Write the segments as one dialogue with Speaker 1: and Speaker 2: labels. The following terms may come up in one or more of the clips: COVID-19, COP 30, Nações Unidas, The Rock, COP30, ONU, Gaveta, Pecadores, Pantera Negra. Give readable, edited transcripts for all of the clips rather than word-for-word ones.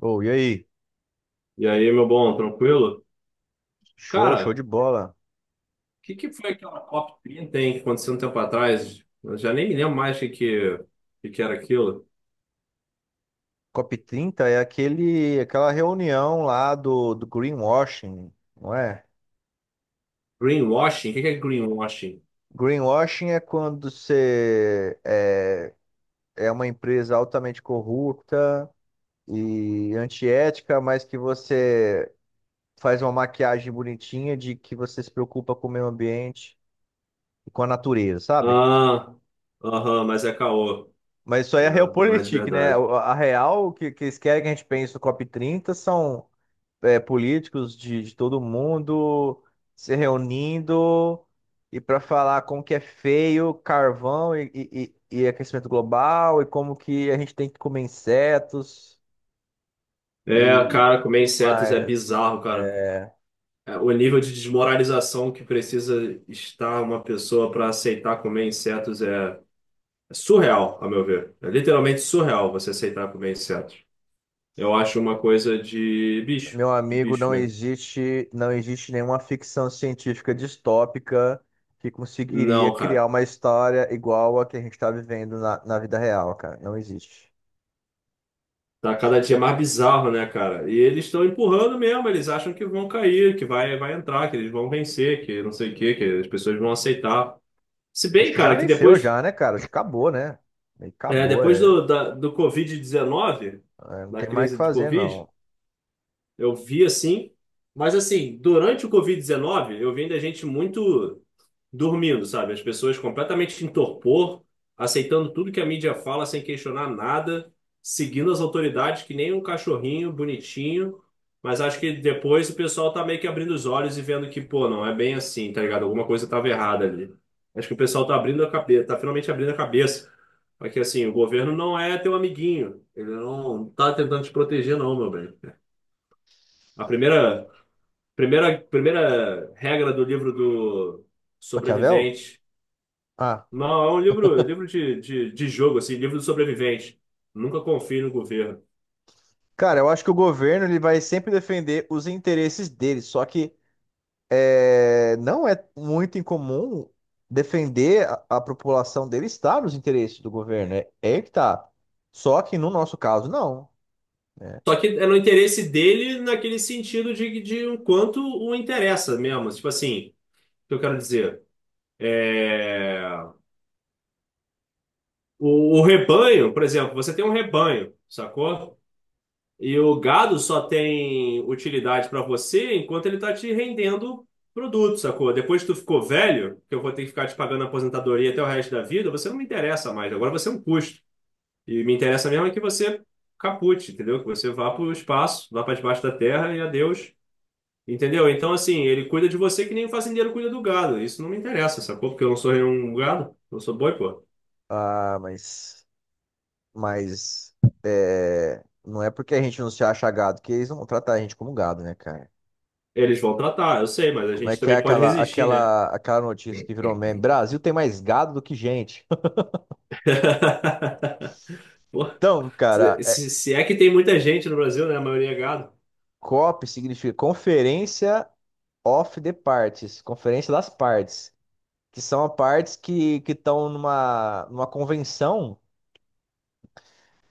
Speaker 1: Ô, e aí?
Speaker 2: E aí, meu bom, tranquilo?
Speaker 1: Show, show
Speaker 2: Cara,
Speaker 1: de
Speaker 2: o
Speaker 1: bola.
Speaker 2: que que foi aquela COP30, hein, que aconteceu um tempo atrás? Eu já nem me lembro mais o que era aquilo.
Speaker 1: COP 30 é aquela reunião lá do greenwashing, não é?
Speaker 2: Greenwashing? O que é greenwashing?
Speaker 1: Greenwashing é quando você é uma empresa altamente corrupta e antiética, mas que você faz uma maquiagem bonitinha de que você se preocupa com o meio ambiente e com a natureza, sabe?
Speaker 2: Ah, aham, mas é caô,
Speaker 1: Mas isso aí é a
Speaker 2: né? Não é de
Speaker 1: realpolitik, né?
Speaker 2: verdade.
Speaker 1: A real, que eles querem que a gente pense no COP 30 são políticos de todo mundo se reunindo e para falar como que é feio carvão e aquecimento global e como que a gente tem que comer insetos
Speaker 2: É,
Speaker 1: e
Speaker 2: cara, comer
Speaker 1: tudo
Speaker 2: insetos é
Speaker 1: mais.
Speaker 2: bizarro, cara.
Speaker 1: É,
Speaker 2: É, o nível de desmoralização que precisa estar uma pessoa para aceitar comer insetos é surreal, a meu ver. É literalmente surreal você aceitar comer insetos. Eu acho uma coisa
Speaker 1: meu
Speaker 2: de
Speaker 1: amigo,
Speaker 2: bicho mesmo.
Speaker 1: não existe nenhuma ficção científica distópica que conseguiria
Speaker 2: Não,
Speaker 1: criar
Speaker 2: cara.
Speaker 1: uma história igual a que a gente está vivendo na vida real, cara. Não existe.
Speaker 2: Tá cada dia mais bizarro, né, cara? E eles estão empurrando mesmo, eles acham que vão cair, que vai entrar, que eles vão vencer, que não sei o quê, que as pessoas vão aceitar. Se
Speaker 1: Acho
Speaker 2: bem,
Speaker 1: que já
Speaker 2: cara, que
Speaker 1: venceu
Speaker 2: depois,
Speaker 1: já, né, cara? Acho que acabou, né? Meio que
Speaker 2: é,
Speaker 1: acabou,
Speaker 2: depois
Speaker 1: é.
Speaker 2: do Covid-19,
Speaker 1: É, não
Speaker 2: da
Speaker 1: tem mais o que
Speaker 2: crise do
Speaker 1: fazer,
Speaker 2: Covid,
Speaker 1: não.
Speaker 2: eu vi assim. Mas assim, durante o Covid-19, eu vi ainda gente muito, dormindo, sabe? As pessoas completamente em torpor, aceitando tudo que a mídia fala sem questionar nada, seguindo as autoridades que nem um cachorrinho bonitinho. Mas acho que depois o pessoal tá meio que abrindo os olhos e vendo que, pô, não é bem assim, tá ligado? Alguma coisa tava errada ali. Acho que o pessoal tá abrindo a cabeça, tá finalmente abrindo a cabeça. Porque assim, o governo não é teu amiguinho. Ele não tá tentando te proteger, não, meu bem. A primeira regra do livro do
Speaker 1: Maquiavel?
Speaker 2: sobrevivente.
Speaker 1: Ah,
Speaker 2: Não, é um livro, livro de jogo, assim, livro do sobrevivente. Nunca confie no governo.
Speaker 1: cara, eu acho que o governo ele vai sempre defender os interesses dele, só que não é muito incomum defender a população dele estar nos interesses do governo, é aí que tá. Só que no nosso caso, não, né?
Speaker 2: Só que é no interesse dele naquele sentido de o quanto o interessa mesmo. Tipo assim, o que eu quero dizer? É... O rebanho, por exemplo, você tem um rebanho, sacou? E o gado só tem utilidade para você enquanto ele tá te rendendo produto, sacou? Depois que tu ficou velho, que eu vou ter que ficar te pagando aposentadoria até o resto da vida, você não me interessa mais. Agora você é um custo. E me interessa mesmo é que você capute, entendeu? Que você vá para o espaço, vá para debaixo da terra e adeus, entendeu? Então, assim, ele cuida de você que nem o fazendeiro cuida do gado. Isso não me interessa, sacou? Porque eu não sou nenhum gado, eu sou boi, pô.
Speaker 1: Ah, mas não é porque a gente não se acha gado que eles não vão tratar a gente como gado, né, cara?
Speaker 2: Eles vão tratar, eu sei, mas a
Speaker 1: Como é
Speaker 2: gente
Speaker 1: que é
Speaker 2: também pode resistir, né?
Speaker 1: aquela notícia que virou meme? Brasil tem mais gado do que gente.
Speaker 2: Pô,
Speaker 1: Então, cara,
Speaker 2: se, se se é que tem muita gente no Brasil, né? A maioria é gado.
Speaker 1: COP significa Conferência of the Parties, Conferência das Partes, que são as partes que estão numa convenção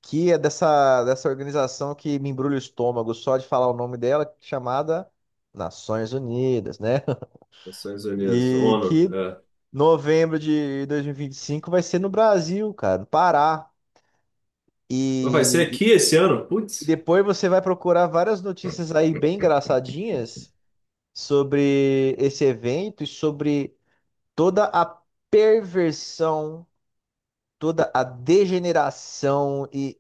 Speaker 1: que é dessa organização que me embrulha o estômago só de falar o nome dela, chamada Nações Unidas, né?
Speaker 2: Nações Unidas,
Speaker 1: E
Speaker 2: ONU,
Speaker 1: que
Speaker 2: é.
Speaker 1: novembro de dois mil e vinte e cinco vai ser no Brasil, cara, no Pará.
Speaker 2: Mas vai ser
Speaker 1: E,
Speaker 2: aqui esse ano?
Speaker 1: E
Speaker 2: Putz,
Speaker 1: depois você vai procurar várias notícias aí bem engraçadinhas sobre esse evento e sobre toda a perversão, toda a degeneração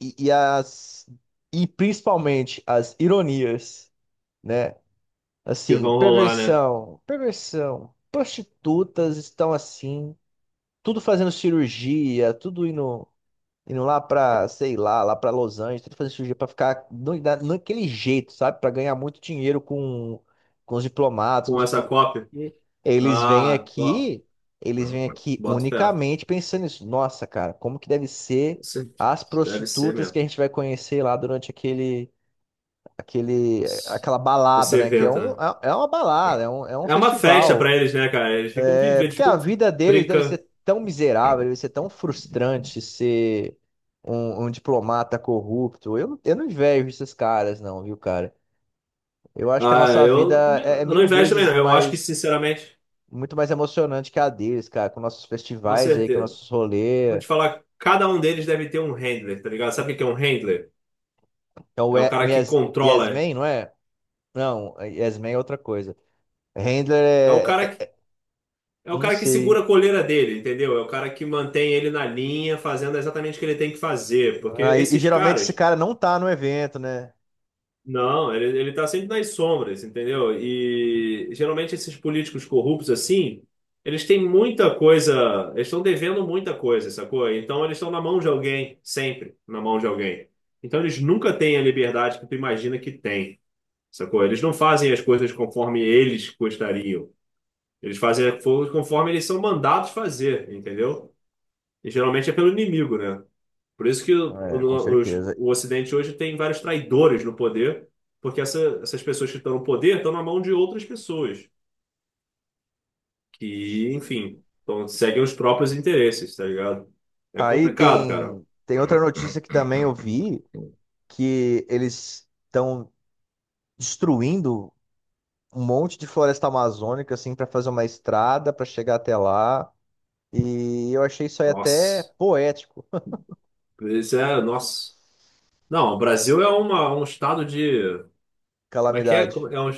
Speaker 1: e, e as e principalmente as ironias, né?
Speaker 2: que
Speaker 1: Assim,
Speaker 2: vão rolar, né?
Speaker 1: perversão, perversão, prostitutas estão assim, tudo fazendo cirurgia, tudo indo lá pra, sei lá, lá pra Los Angeles, tentando fazer cirurgia pra ficar naquele jeito, sabe? Pra ganhar muito dinheiro com os diplomatas, com
Speaker 2: Com
Speaker 1: os
Speaker 2: essa
Speaker 1: políticos.
Speaker 2: COP.
Speaker 1: Porque Eles vêm
Speaker 2: Ah, ó,
Speaker 1: aqui, eles vêm aqui
Speaker 2: boto fé.
Speaker 1: unicamente pensando nisso. Nossa, cara, como que deve ser as
Speaker 2: Deve ser
Speaker 1: prostitutas que
Speaker 2: mesmo.
Speaker 1: a gente vai conhecer lá durante aquela balada,
Speaker 2: Esse
Speaker 1: né? Que
Speaker 2: evento, né?
Speaker 1: uma balada, é um
Speaker 2: É uma festa pra
Speaker 1: festival.
Speaker 2: eles, né, cara? Eles ficam vivendo,
Speaker 1: É
Speaker 2: eles
Speaker 1: porque a
Speaker 2: ficam
Speaker 1: vida deles deve
Speaker 2: brincando.
Speaker 1: ser tão miserável, deve ser tão frustrante ser um diplomata corrupto. Eu não invejo esses caras, não, viu, cara? Eu acho que a
Speaker 2: Ah,
Speaker 1: nossa
Speaker 2: eu,
Speaker 1: vida
Speaker 2: também não-
Speaker 1: é
Speaker 2: eu não
Speaker 1: mil
Speaker 2: invejo também,
Speaker 1: vezes
Speaker 2: não. Eu acho que,
Speaker 1: mais,
Speaker 2: sinceramente,
Speaker 1: muito mais emocionante que a deles, cara, com nossos
Speaker 2: com
Speaker 1: festivais aí, com
Speaker 2: certeza.
Speaker 1: nossos
Speaker 2: Vou
Speaker 1: rolês.
Speaker 2: te falar, cada um deles deve ter um handler, tá ligado? Sabe o que é um handler?
Speaker 1: Então,
Speaker 2: É o
Speaker 1: O
Speaker 2: cara que controla.
Speaker 1: yes Man, não é? Não, Yes Man é outra coisa. Handler
Speaker 2: É o
Speaker 1: é,
Speaker 2: cara que, é o
Speaker 1: não
Speaker 2: cara que
Speaker 1: sei.
Speaker 2: segura a coleira dele, entendeu? É o cara que mantém ele na linha, fazendo exatamente o que ele tem que fazer. Porque
Speaker 1: Ah, e
Speaker 2: esses
Speaker 1: geralmente esse
Speaker 2: caras.
Speaker 1: cara não tá no evento, né?
Speaker 2: Não, ele tá sempre nas sombras, entendeu?
Speaker 1: Uhum.
Speaker 2: E geralmente esses políticos corruptos assim, eles têm muita coisa, eles estão devendo muita coisa, sacou? Então eles estão na mão de alguém, sempre na mão de alguém. Então eles nunca têm a liberdade que tu imagina que tem, sacou? Eles não fazem as coisas conforme eles gostariam. Eles fazem as coisas conforme eles são mandados fazer, entendeu? E geralmente é pelo inimigo, né? Por isso que o,
Speaker 1: É, com
Speaker 2: o- os-
Speaker 1: certeza.
Speaker 2: o Ocidente hoje tem vários traidores no poder, porque essas pessoas que estão no poder estão na mão de outras pessoas que, enfim, então, seguem os próprios interesses, tá ligado? É
Speaker 1: Aí
Speaker 2: complicado, cara.
Speaker 1: tem outra notícia que também eu vi, que eles estão destruindo um monte de floresta amazônica, assim, para fazer uma estrada para chegar até lá. E eu achei isso aí até
Speaker 2: Nossa.
Speaker 1: poético,
Speaker 2: Isso é, nossa. Não, o Brasil é uma, um estado de. Como é que é?
Speaker 1: calamidade.
Speaker 2: Como- é um,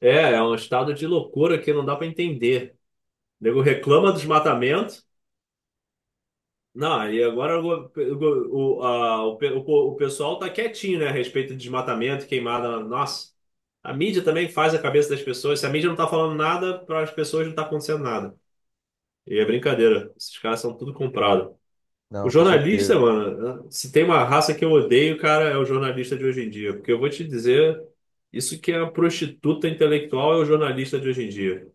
Speaker 2: é um estado de loucura que não dá pra entender. O nego reclama dos desmatamento. Não, e agora o, a- o pe- o po- o pessoal tá quietinho, né, a respeito de desmatamento, queimada. Nossa, a mídia também faz a cabeça das pessoas. Se a mídia não tá falando nada, para as pessoas não tá acontecendo nada. E é brincadeira. Esses caras são tudo comprado. O
Speaker 1: Não, com
Speaker 2: jornalista,
Speaker 1: certeza.
Speaker 2: mano, se tem uma raça que eu odeio, cara, é o jornalista de hoje em dia. Porque eu vou te dizer, isso que é a prostituta intelectual é o jornalista de hoje em dia.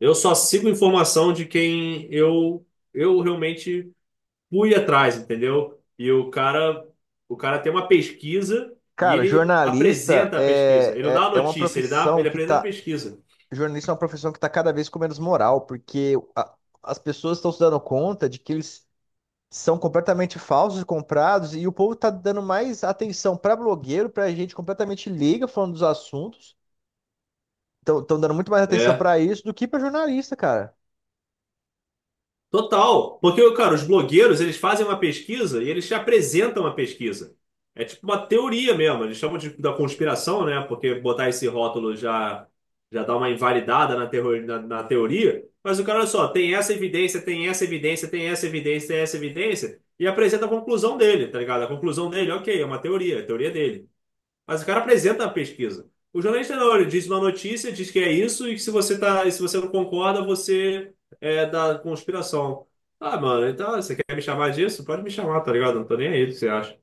Speaker 2: Eu só sigo informação de quem eu realmente fui atrás, entendeu? E o cara tem uma pesquisa e
Speaker 1: Cara,
Speaker 2: ele
Speaker 1: jornalista
Speaker 2: apresenta a pesquisa. Ele não dá a
Speaker 1: é uma
Speaker 2: notícia, ele dá,
Speaker 1: profissão
Speaker 2: ele
Speaker 1: que
Speaker 2: apresenta a
Speaker 1: tá.
Speaker 2: pesquisa.
Speaker 1: Jornalista é uma profissão que tá cada vez com menos moral, porque as pessoas estão se dando conta de que eles são completamente falsos, comprados, e o povo tá dando mais atenção pra blogueiro, pra gente completamente liga falando dos assuntos. Estão dando muito mais atenção pra
Speaker 2: É.
Speaker 1: isso do que pra jornalista, cara.
Speaker 2: Total, porque, cara, os blogueiros, eles fazem uma pesquisa e eles te apresentam a pesquisa. É tipo uma teoria mesmo, eles chamam de, da conspiração, né? Porque botar esse rótulo já, já dá uma invalidada na na teoria. Mas o cara, olha só, tem essa evidência, tem essa evidência, tem essa evidência, tem essa evidência, e apresenta a conclusão dele, tá ligado? A conclusão dele, ok, é uma teoria, é a teoria dele. Mas o cara apresenta a pesquisa. O jornalista não, ele diz uma notícia, diz que é isso, e que se você não concorda, você é da conspiração. Ah, mano, então você quer me chamar disso? Pode me chamar, tá ligado? Não tô nem aí, o que você acha?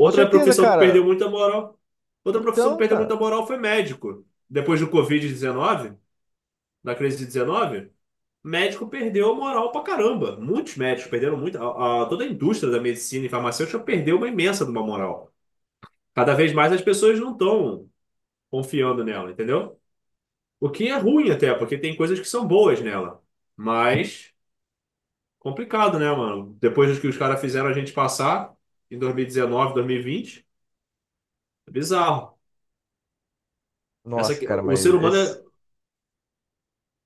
Speaker 1: Com certeza,
Speaker 2: profissão que
Speaker 1: cara.
Speaker 2: perdeu muita moral. Outra profissão que
Speaker 1: Então,
Speaker 2: perdeu
Speaker 1: cara.
Speaker 2: muita moral foi médico. Depois do Covid-19, da crise de 19, médico perdeu moral pra caramba. Muitos médicos perderam muito. Toda a indústria da medicina e farmacêutica perdeu uma imensa de uma moral. Cada vez mais as pessoas não estão confiando nela, entendeu? O que é ruim até, porque tem coisas que são boas nela. Mas complicado, né, mano? Depois do que os caras fizeram a gente passar em 2019, 2020, é bizarro. Essa,
Speaker 1: Nossa,
Speaker 2: que
Speaker 1: cara,
Speaker 2: o
Speaker 1: mas
Speaker 2: ser humano é, o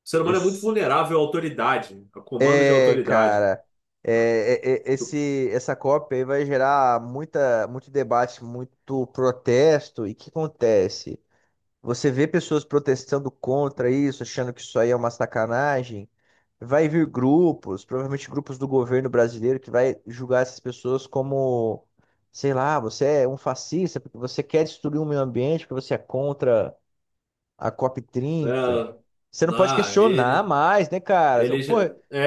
Speaker 2: ser humano é muito
Speaker 1: esse...
Speaker 2: vulnerável à autoridade, a comando de
Speaker 1: É,
Speaker 2: autoridade.
Speaker 1: cara. É, essa COP aí vai gerar muita, muito debate, muito protesto. E o que acontece? Você vê pessoas protestando contra isso, achando que isso aí é uma sacanagem. Vai vir grupos, provavelmente grupos do governo brasileiro, que vai julgar essas pessoas como, sei lá, você é um fascista, porque você quer destruir o meio ambiente, porque você é contra a COP30.
Speaker 2: É,
Speaker 1: Você não pode
Speaker 2: lá,
Speaker 1: questionar
Speaker 2: ele,
Speaker 1: mais, né, cara?
Speaker 2: ele já,
Speaker 1: Pô,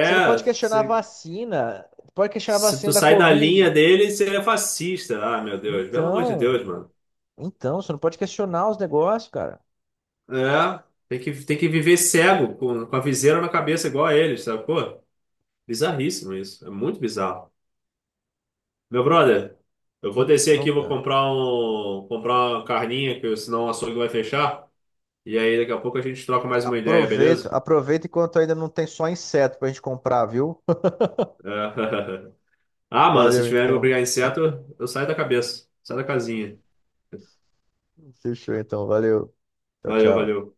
Speaker 1: você não pode questionar a
Speaker 2: se,
Speaker 1: vacina, pode questionar a
Speaker 2: se
Speaker 1: vacina
Speaker 2: tu
Speaker 1: da
Speaker 2: sai da linha
Speaker 1: Covid.
Speaker 2: dele, você é fascista. Ah, meu Deus, pelo amor de
Speaker 1: Então,
Speaker 2: Deus, mano.
Speaker 1: então, você não pode questionar os negócios, cara.
Speaker 2: É, tem que viver cego, com a viseira na cabeça igual a eles, sabe? Pô, bizarríssimo isso. É muito bizarro. Meu brother, eu vou descer
Speaker 1: Então,
Speaker 2: aqui,
Speaker 1: cara.
Speaker 2: comprar uma carninha, que senão o açougue vai fechar. E aí daqui a pouco a gente troca mais uma ideia,
Speaker 1: Aproveita,
Speaker 2: beleza?
Speaker 1: aproveita enquanto ainda não tem só inseto pra gente comprar, viu?
Speaker 2: É. Ah, mano, se
Speaker 1: Valeu
Speaker 2: tiverem que
Speaker 1: então.
Speaker 2: brigar inseto, eu saio da cabeça. Saio da casinha.
Speaker 1: Fechou então. Valeu. Tchau, tchau.
Speaker 2: Valeu.